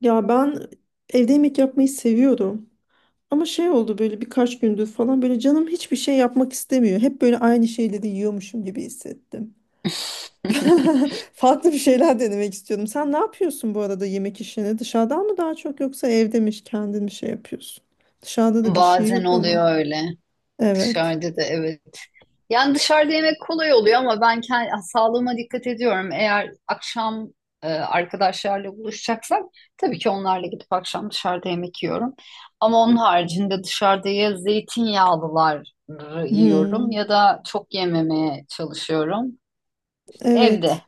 Ya ben evde yemek yapmayı seviyorum. Ama şey oldu, böyle birkaç gündür falan böyle canım hiçbir şey yapmak istemiyor. Hep böyle aynı şeyleri yiyormuşum gibi hissettim. Farklı bir şeyler denemek istiyorum. Sen ne yapıyorsun bu arada yemek işini? Dışarıdan mı daha çok, yoksa evde mi kendin mi şey yapıyorsun? Dışarıda da bir şey Bazen yok ama. oluyor öyle. Evet. Dışarıda da evet. Yani dışarıda yemek kolay oluyor ama ben kendi sağlığıma dikkat ediyorum. Eğer akşam arkadaşlarla buluşacaksak tabii ki onlarla gidip akşam dışarıda yemek yiyorum. Ama onun haricinde dışarıda ya zeytinyağlılar yiyorum Hmm, ya da çok yememeye çalışıyorum. İşte evde evet.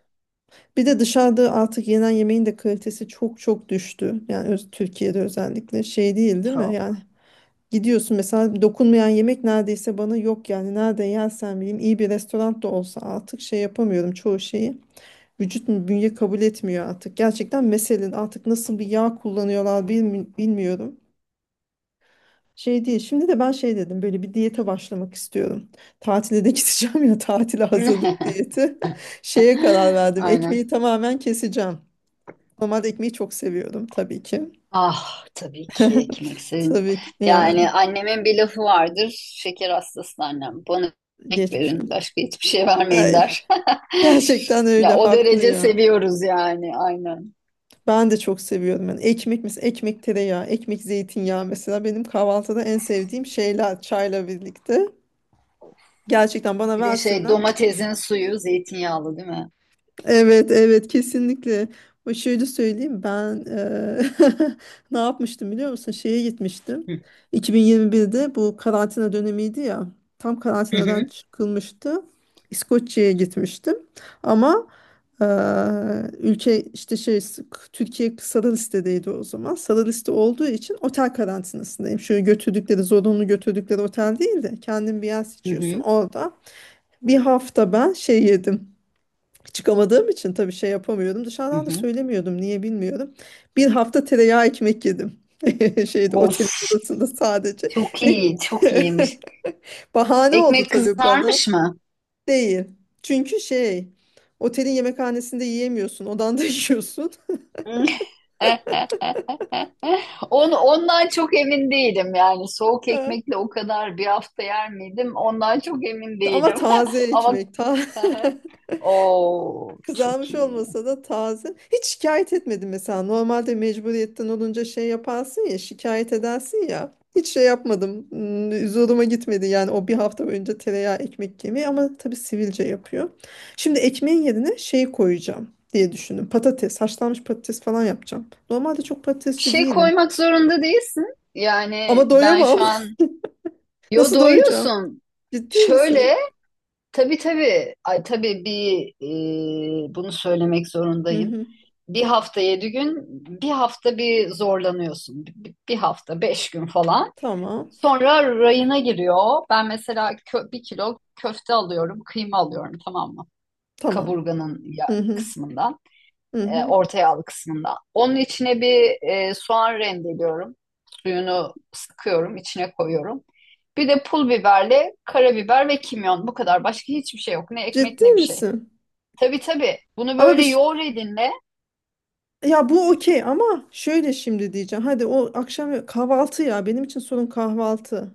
Bir de dışarıda artık yenen yemeğin de kalitesi çok düştü. Yani öz- Türkiye'de özellikle şey, değil mi? Yani çok. gidiyorsun mesela, dokunmayan yemek neredeyse bana yok, yani nerede yersen bileyim, iyi bir restoran da olsa artık şey yapamıyorum çoğu şeyi. Vücut mu, bünye kabul etmiyor artık gerçekten, meselen artık nasıl bir yağ kullanıyorlar bilmi- bilmiyorum. Şey değil, şimdi de ben şey dedim, böyle bir diyete başlamak istiyorum. Tatile de gideceğim ya, tatile hazırlık diyeti. Şeye karar verdim, Aynen. ekmeği tamamen keseceğim. Normalde ekmeği çok seviyorum tabii ki. Ah, tabii ki ekmeksin. Tabii ki yani. Yani annemin bir lafı vardır. Şeker hastası annem. "Bana ekmek Geçmiş verin. olsun. Başka hiçbir şey vermeyin," Ay, der. gerçekten öyle, Ya o haklı derece ya. seviyoruz yani, aynen. Ben de çok seviyorum. Yani ekmek, mesela ekmek tereyağı, ekmek zeytinyağı, mesela benim kahvaltıda en sevdiğim şeyler çayla birlikte. Gerçekten bana Bir de şey, versinler. domatesin suyu zeytinyağlı değil mi? Evet evet, kesinlikle. O, şöyle söyleyeyim, ben ne yapmıştım biliyor musun? Şeye gitmiştim. Hı 2021'de bu karantina dönemiydi ya. Tam karantinadan hı çıkılmıştı. İskoçya'ya gitmiştim. Ama ülke işte şey, Türkiye sarı listedeydi o zaman. Sarı liste olduğu için otel karantinasındayım. Şöyle, götürdükleri zorunlu götürdükleri otel değil de kendin bir yer hı seçiyorsun hı. orada. Bir hafta ben şey yedim. Çıkamadığım için tabii şey yapamıyordum. Hı Dışarıdan da hı. söylemiyordum, niye bilmiyorum. Bir hafta tereyağı ekmek yedim. Şeyde, Of, otelin odasında sadece. çok Ve iyi, çok iyiymiş. bahane oldu Ekmek tabii bana. kızarmış mı? Değil. Çünkü şey, otelin yemekhanesinde yiyemiyorsun, odanda yiyorsun. Eh, ondan çok emin değilim yani, soğuk Ha. ekmekle o kadar bir hafta yer miydim ondan çok emin Ama değilim taze ama ekmek, ta o çok kızarmış iyi. olmasa da taze. Hiç şikayet etmedim mesela. Normalde mecburiyetten olunca şey yaparsın ya, şikayet edersin ya. Hiç şey yapmadım. Hmm, zoruma gitmedi yani o bir hafta önce tereyağı ekmek yemeği, ama tabii sivilce yapıyor. Şimdi ekmeğin yerine şey koyacağım diye düşündüm. Patates, haşlanmış patates falan yapacağım. Normalde çok Bir patatesçi şey değilim. koymak zorunda değilsin yani. Ama Ben doyamam. şu an, yo, Nasıl doyacağım? doyuyorsun, Ciddi şöyle, misin? tabii tabii, ay, tabii bir bunu söylemek Hı zorundayım. hı. Bir hafta 7 gün, bir hafta, bir zorlanıyorsun bir hafta 5 gün falan. Tamam. Sonra rayına giriyor. Ben mesela bir kilo köfte alıyorum, kıyma alıyorum, tamam mı? Tamam. Kaburganın ya Hı hı. kısmından, Hı hı. orta yağlı kısmından. Onun içine bir soğan rendeliyorum. Suyunu sıkıyorum, içine koyuyorum. Bir de pul biberle karabiber ve kimyon. Bu kadar. Başka hiçbir şey yok. Ne ekmek Ciddi ne bir şey. misin? Tabii tabii. Bunu Ama bir böyle ş- yoğur elinle, ya bu okey, ama şöyle şimdi diyeceğim. Hadi o akşam, kahvaltı ya, benim için sorun kahvaltı.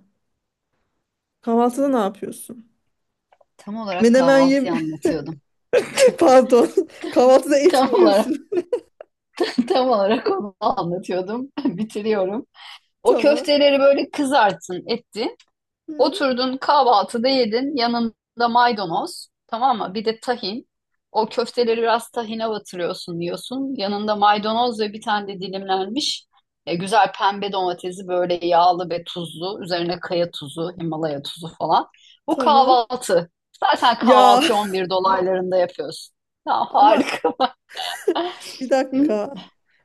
Kahvaltıda ne yapıyorsun? tam olarak Menemen yem kahvaltıyı anlatıyordum. pardon. Kahvaltıda et Tam mi olarak yiyorsun? tam olarak onu anlatıyordum. Bitiriyorum. O Tamam. köfteleri böyle kızarttın, ettin. Hı, Oturdun, kahvaltıda yedin. Yanında maydanoz. Tamam mı? Bir de tahin. O köfteleri biraz tahine batırıyorsun, yiyorsun. Yanında maydanoz ve bir tane de dilimlenmiş güzel pembe domatesi, böyle yağlı ve tuzlu. Üzerine kaya tuzu, Himalaya tuzu falan. Bu tamam. kahvaltı. Zaten Ya kahvaltıyı 11 dolaylarında yapıyorsun. Ya, ama harika. bir dakika.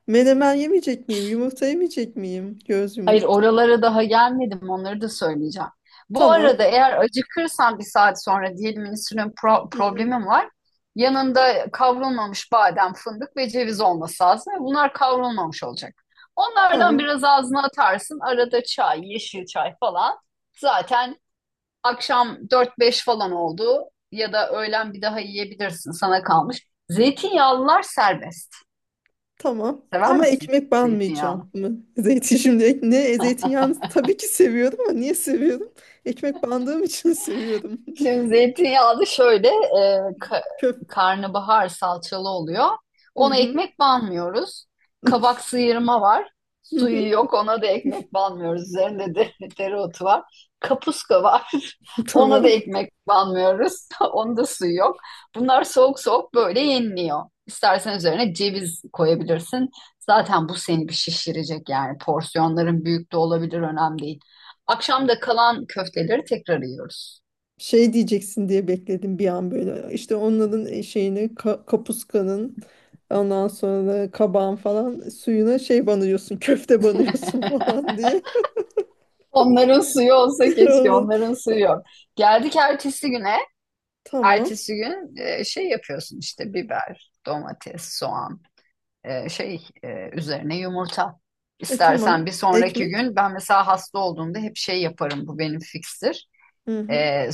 Menemen yemeyecek miyim? Yumurta yemeyecek miyim? Göz Hayır, yumurta. oralara daha gelmedim, onları da söyleyeceğim. Bu Tamam. arada eğer acıkırsan bir saat sonra diyelim, insülin Hı hı. problemim var. Yanında kavrulmamış badem, fındık ve ceviz olması lazım. Bunlar kavrulmamış olacak. Onlardan Tamam. biraz ağzına atarsın. Arada çay, yeşil çay falan. Zaten akşam dört beş falan oldu ya da öğlen bir daha yiyebilirsin, sana kalmış. Zeytinyağlılar serbest. Tamam. Sever Ama misin ekmek zeytinyağı? banmayacağım mı? Zeytin şimdi ek-, ne, zeytinyağını tabii ki seviyordum, ama niye seviyordum? Ekmek bandığım için seviyordum. Şimdi zeytinyağı da şöyle ka- Köp. karnabahar salçalı oluyor. Hı Ona hı. ekmek banmıyoruz. Kabak sıyırma var. Hı Suyu hı. yok, ona da ekmek banmıyoruz. Üzerinde de dereotu var. Kapuska var. Ona da Tamam. ekmek banmıyoruz. Onda da suyu yok. Bunlar soğuk soğuk böyle yeniliyor. İstersen üzerine ceviz koyabilirsin. Zaten bu seni bir şişirecek yani. Porsiyonların büyük de olabilir, önemli değil. Akşam da kalan köfteleri tekrar yiyoruz. Şey diyeceksin diye bekledim bir an böyle. İşte onların şeyini ka- kapuskanın, ondan sonra da kabağın falan suyuna şey banıyorsun. Köfte banıyorsun falan diye. Onların suyu olsa keşke, Onun- onların suyu o- yok. Geldik ertesi güne. tamam. Ertesi gün şey yapıyorsun işte: biber, domates, soğan, şey, üzerine yumurta. E İstersen tamam. bir sonraki Ekmek. gün, ben mesela hasta olduğumda hep şey yaparım, bu benim fikstir. Hı hı. E,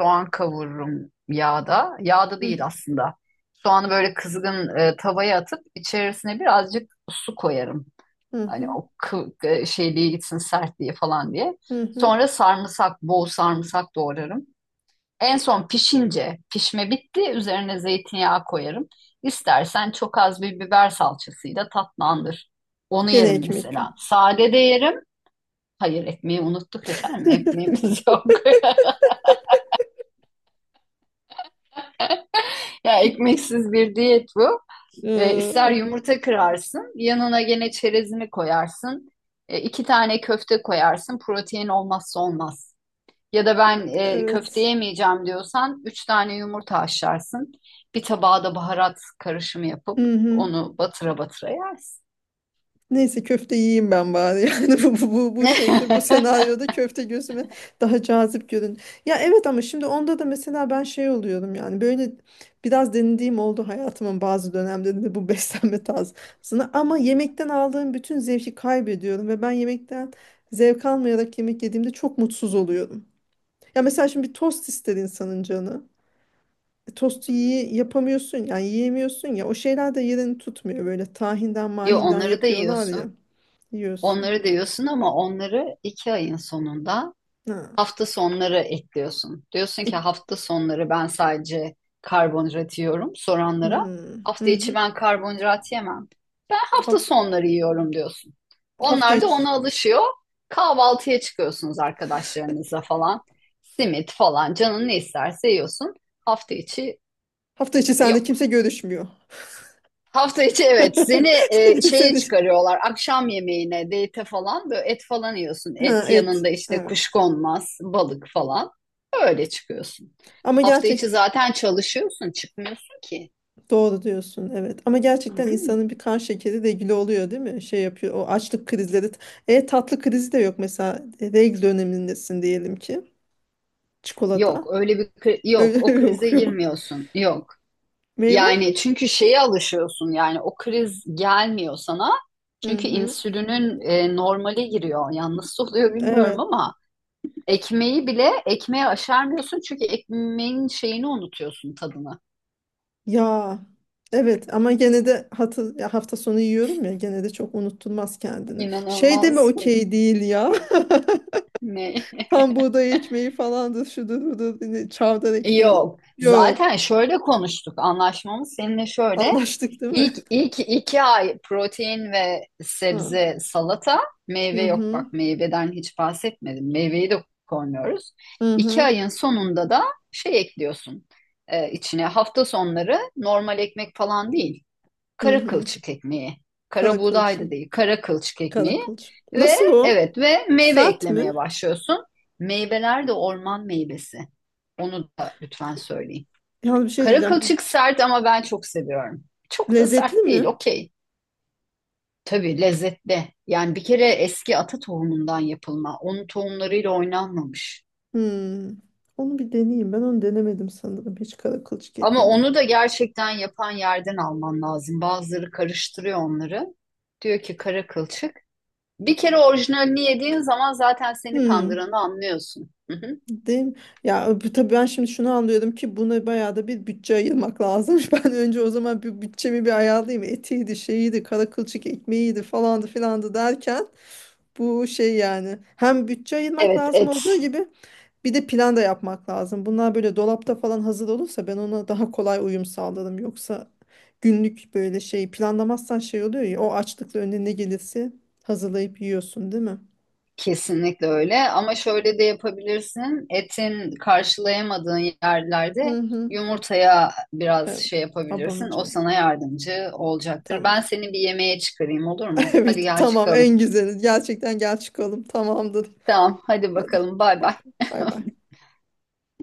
Soğan kavururum yağda. Yağda Hı hı. değil aslında. Soğanı böyle kızgın tavaya atıp içerisine birazcık su koyarım. Hı Hani hı. o şeyliğe gitsin, sertliği falan diye. Hı hı. Sonra sarımsak, bol sarımsak doğrarım. En son pişince, pişme bitti, üzerine zeytinyağı koyarım. İstersen çok az bir biber salçasıyla tatlandır. Onu Gene yerim ekmek. mesela. Sade de yerim. Hayır, ekmeği unuttuk efendim. Ekmeğimiz yok. Ya, ekmeksiz bir diyet bu. İster Ee, yumurta kırarsın, yanına gene çerezini koyarsın. İki tane köfte koyarsın. Protein olmazsa olmaz. Ya da "Ben köfte evet. yemeyeceğim," diyorsan üç tane yumurta haşlarsın. Bir tabağa da baharat karışımı yapıp Hı hı. onu batıra batıra yersin. Neyse köfte yiyeyim ben bari. Yani bu şeyde, bu senaryoda köfte gözüme daha cazip görün. Ya evet, ama şimdi onda da mesela ben şey oluyorum, yani böyle biraz denediğim oldu hayatımın bazı dönemlerinde bu beslenme tarzını, ama yemekten aldığım bütün zevki kaybediyorum ve ben yemekten zevk almayarak yemek yediğimde çok mutsuz oluyorum. Ya mesela şimdi bir tost ister insanın canı. Tostu yiye- yapamıyorsun yani, yiyemiyorsun ya, o şeyler de yerini tutmuyor, böyle tahinden Yo, mahinden onları da yapıyorlar ya, yiyorsun. yiyorsun. Onları da yiyorsun ama onları 2 ayın sonunda Ha. hafta sonları ekliyorsun. Diyorsun ki İk- hafta sonları ben sadece karbonhidrat yiyorum soranlara. hmm, hı Hafta içi hı. ben karbonhidrat yemem. Ben hafta Ha- sonları yiyorum diyorsun. hafta Onlar da içi, ona alışıyor. Kahvaltıya çıkıyorsunuz arkadaşlarınızla falan. Simit falan canın ne isterse yiyorsun. Hafta içi hafta içi sende yok. kimse görüşmüyor. Hafta içi evet, seni şeye Seni, çıkarıyorlar, akşam yemeğine, date falan, böyle et falan yiyorsun, ha, et et. yanında işte Evet. kuşkonmaz, balık falan, öyle çıkıyorsun. Ama Hafta gerçek, içi zaten çalışıyorsun, çıkmıyorsun ki. doğru diyorsun evet. Ama Hı gerçekten hı. insanın bir kan şekeri regüle oluyor değil mi? Şey yapıyor o açlık krizleri. E tatlı krizi de yok mesela. E, regl dönemindesin diyelim ki. Yok Çikolata. öyle bir yok, Öyle o krize yok yok. girmiyorsun, yok. Meyve. Yani çünkü şeye alışıyorsun yani, o kriz gelmiyor sana. Hı Çünkü hı. insülinin normale giriyor. Yanlış oluyor bilmiyorum Evet ama ekmeği bile, ekmeğe aşarmıyorsun çünkü ekmeğin şeyini unutuyorsun, tadını. ya evet, ama gene de hatı, ya hafta sonu yiyorum ya, gene de çok unutturmaz kendini. Şey de mi İnanılmaz. okey değil ya, Ne? tam buğday ekmeği falandır şudur budur ne- çavdar ekmeği Yok. yok, Zaten şöyle konuştuk. Anlaşmamız seninle şöyle: anlaştık değil İlk, mi? ilk 2 ay protein ve Ha. sebze salata. Meyve Hı yok, hı, bak, meyveden hiç bahsetmedim. Meyveyi de koymuyoruz. hı İki hı, ayın sonunda da şey ekliyorsun içine. Hafta sonları normal ekmek falan değil. hı Kara hı, kılçık ekmeği. Kara kara buğday kılçım, da değil, kara kılçık kara ekmeği. kılçım. Ve Nasıl o? evet, ve meyve Sert eklemeye mi? başlıyorsun. Meyveler de orman meyvesi. Onu da lütfen söyleyin. Yalnız bir şey Kara diyeceğim, bu kılçık sert ama ben çok seviyorum. Çok da lezzetli sert değil, mi? okey. Tabii lezzetli. Yani bir kere eski ata tohumundan yapılma. Onun tohumlarıyla oynanmamış. Hmm. Onu bir deneyeyim, ben onu denemedim sanırım hiç, kara kılçık Ama ekmeğini. onu da gerçekten yapan yerden alman lazım. Bazıları karıştırıyor onları. Diyor ki kara kılçık. Bir kere orijinalini yediğin zaman zaten seni Hmm. kandıranı anlıyorsun. Hı hı. Değil mi? Ya bu- tabii ben şimdi şunu anlıyorum ki buna bayağı da bir bütçe ayırmak lazımmış. Ben önce o zaman bir bütçemi bir ayarlayayım. Etiydi, şeyiydi, kara kılçık ekmeğiydi falandı filandı derken, bu şey yani, hem bütçe ayırmak Evet, lazım et olduğu gibi bir de plan da yapmak lazım. Bunlar böyle dolapta falan hazır olursa ben ona daha kolay uyum sağlarım. Yoksa günlük böyle şey planlamazsan şey oluyor ya, o açlıkla önüne ne gelirse hazırlayıp yiyorsun değil mi? kesinlikle öyle ama şöyle de yapabilirsin. Etin karşılayamadığın Hı yerlerde hı. yumurtaya biraz Evet. şey yapabilirsin. O Abanacağım. sana yardımcı olacaktır. Tamam. Ben seni bir yemeğe çıkarayım, olur mu? Hadi Evet gel, tamam, çıkalım. en güzeli. Gerçekten gel çıkalım. Tamamdır. Tamam, hadi Hadi bakalım. Bay bay. bakalım. Bay bay.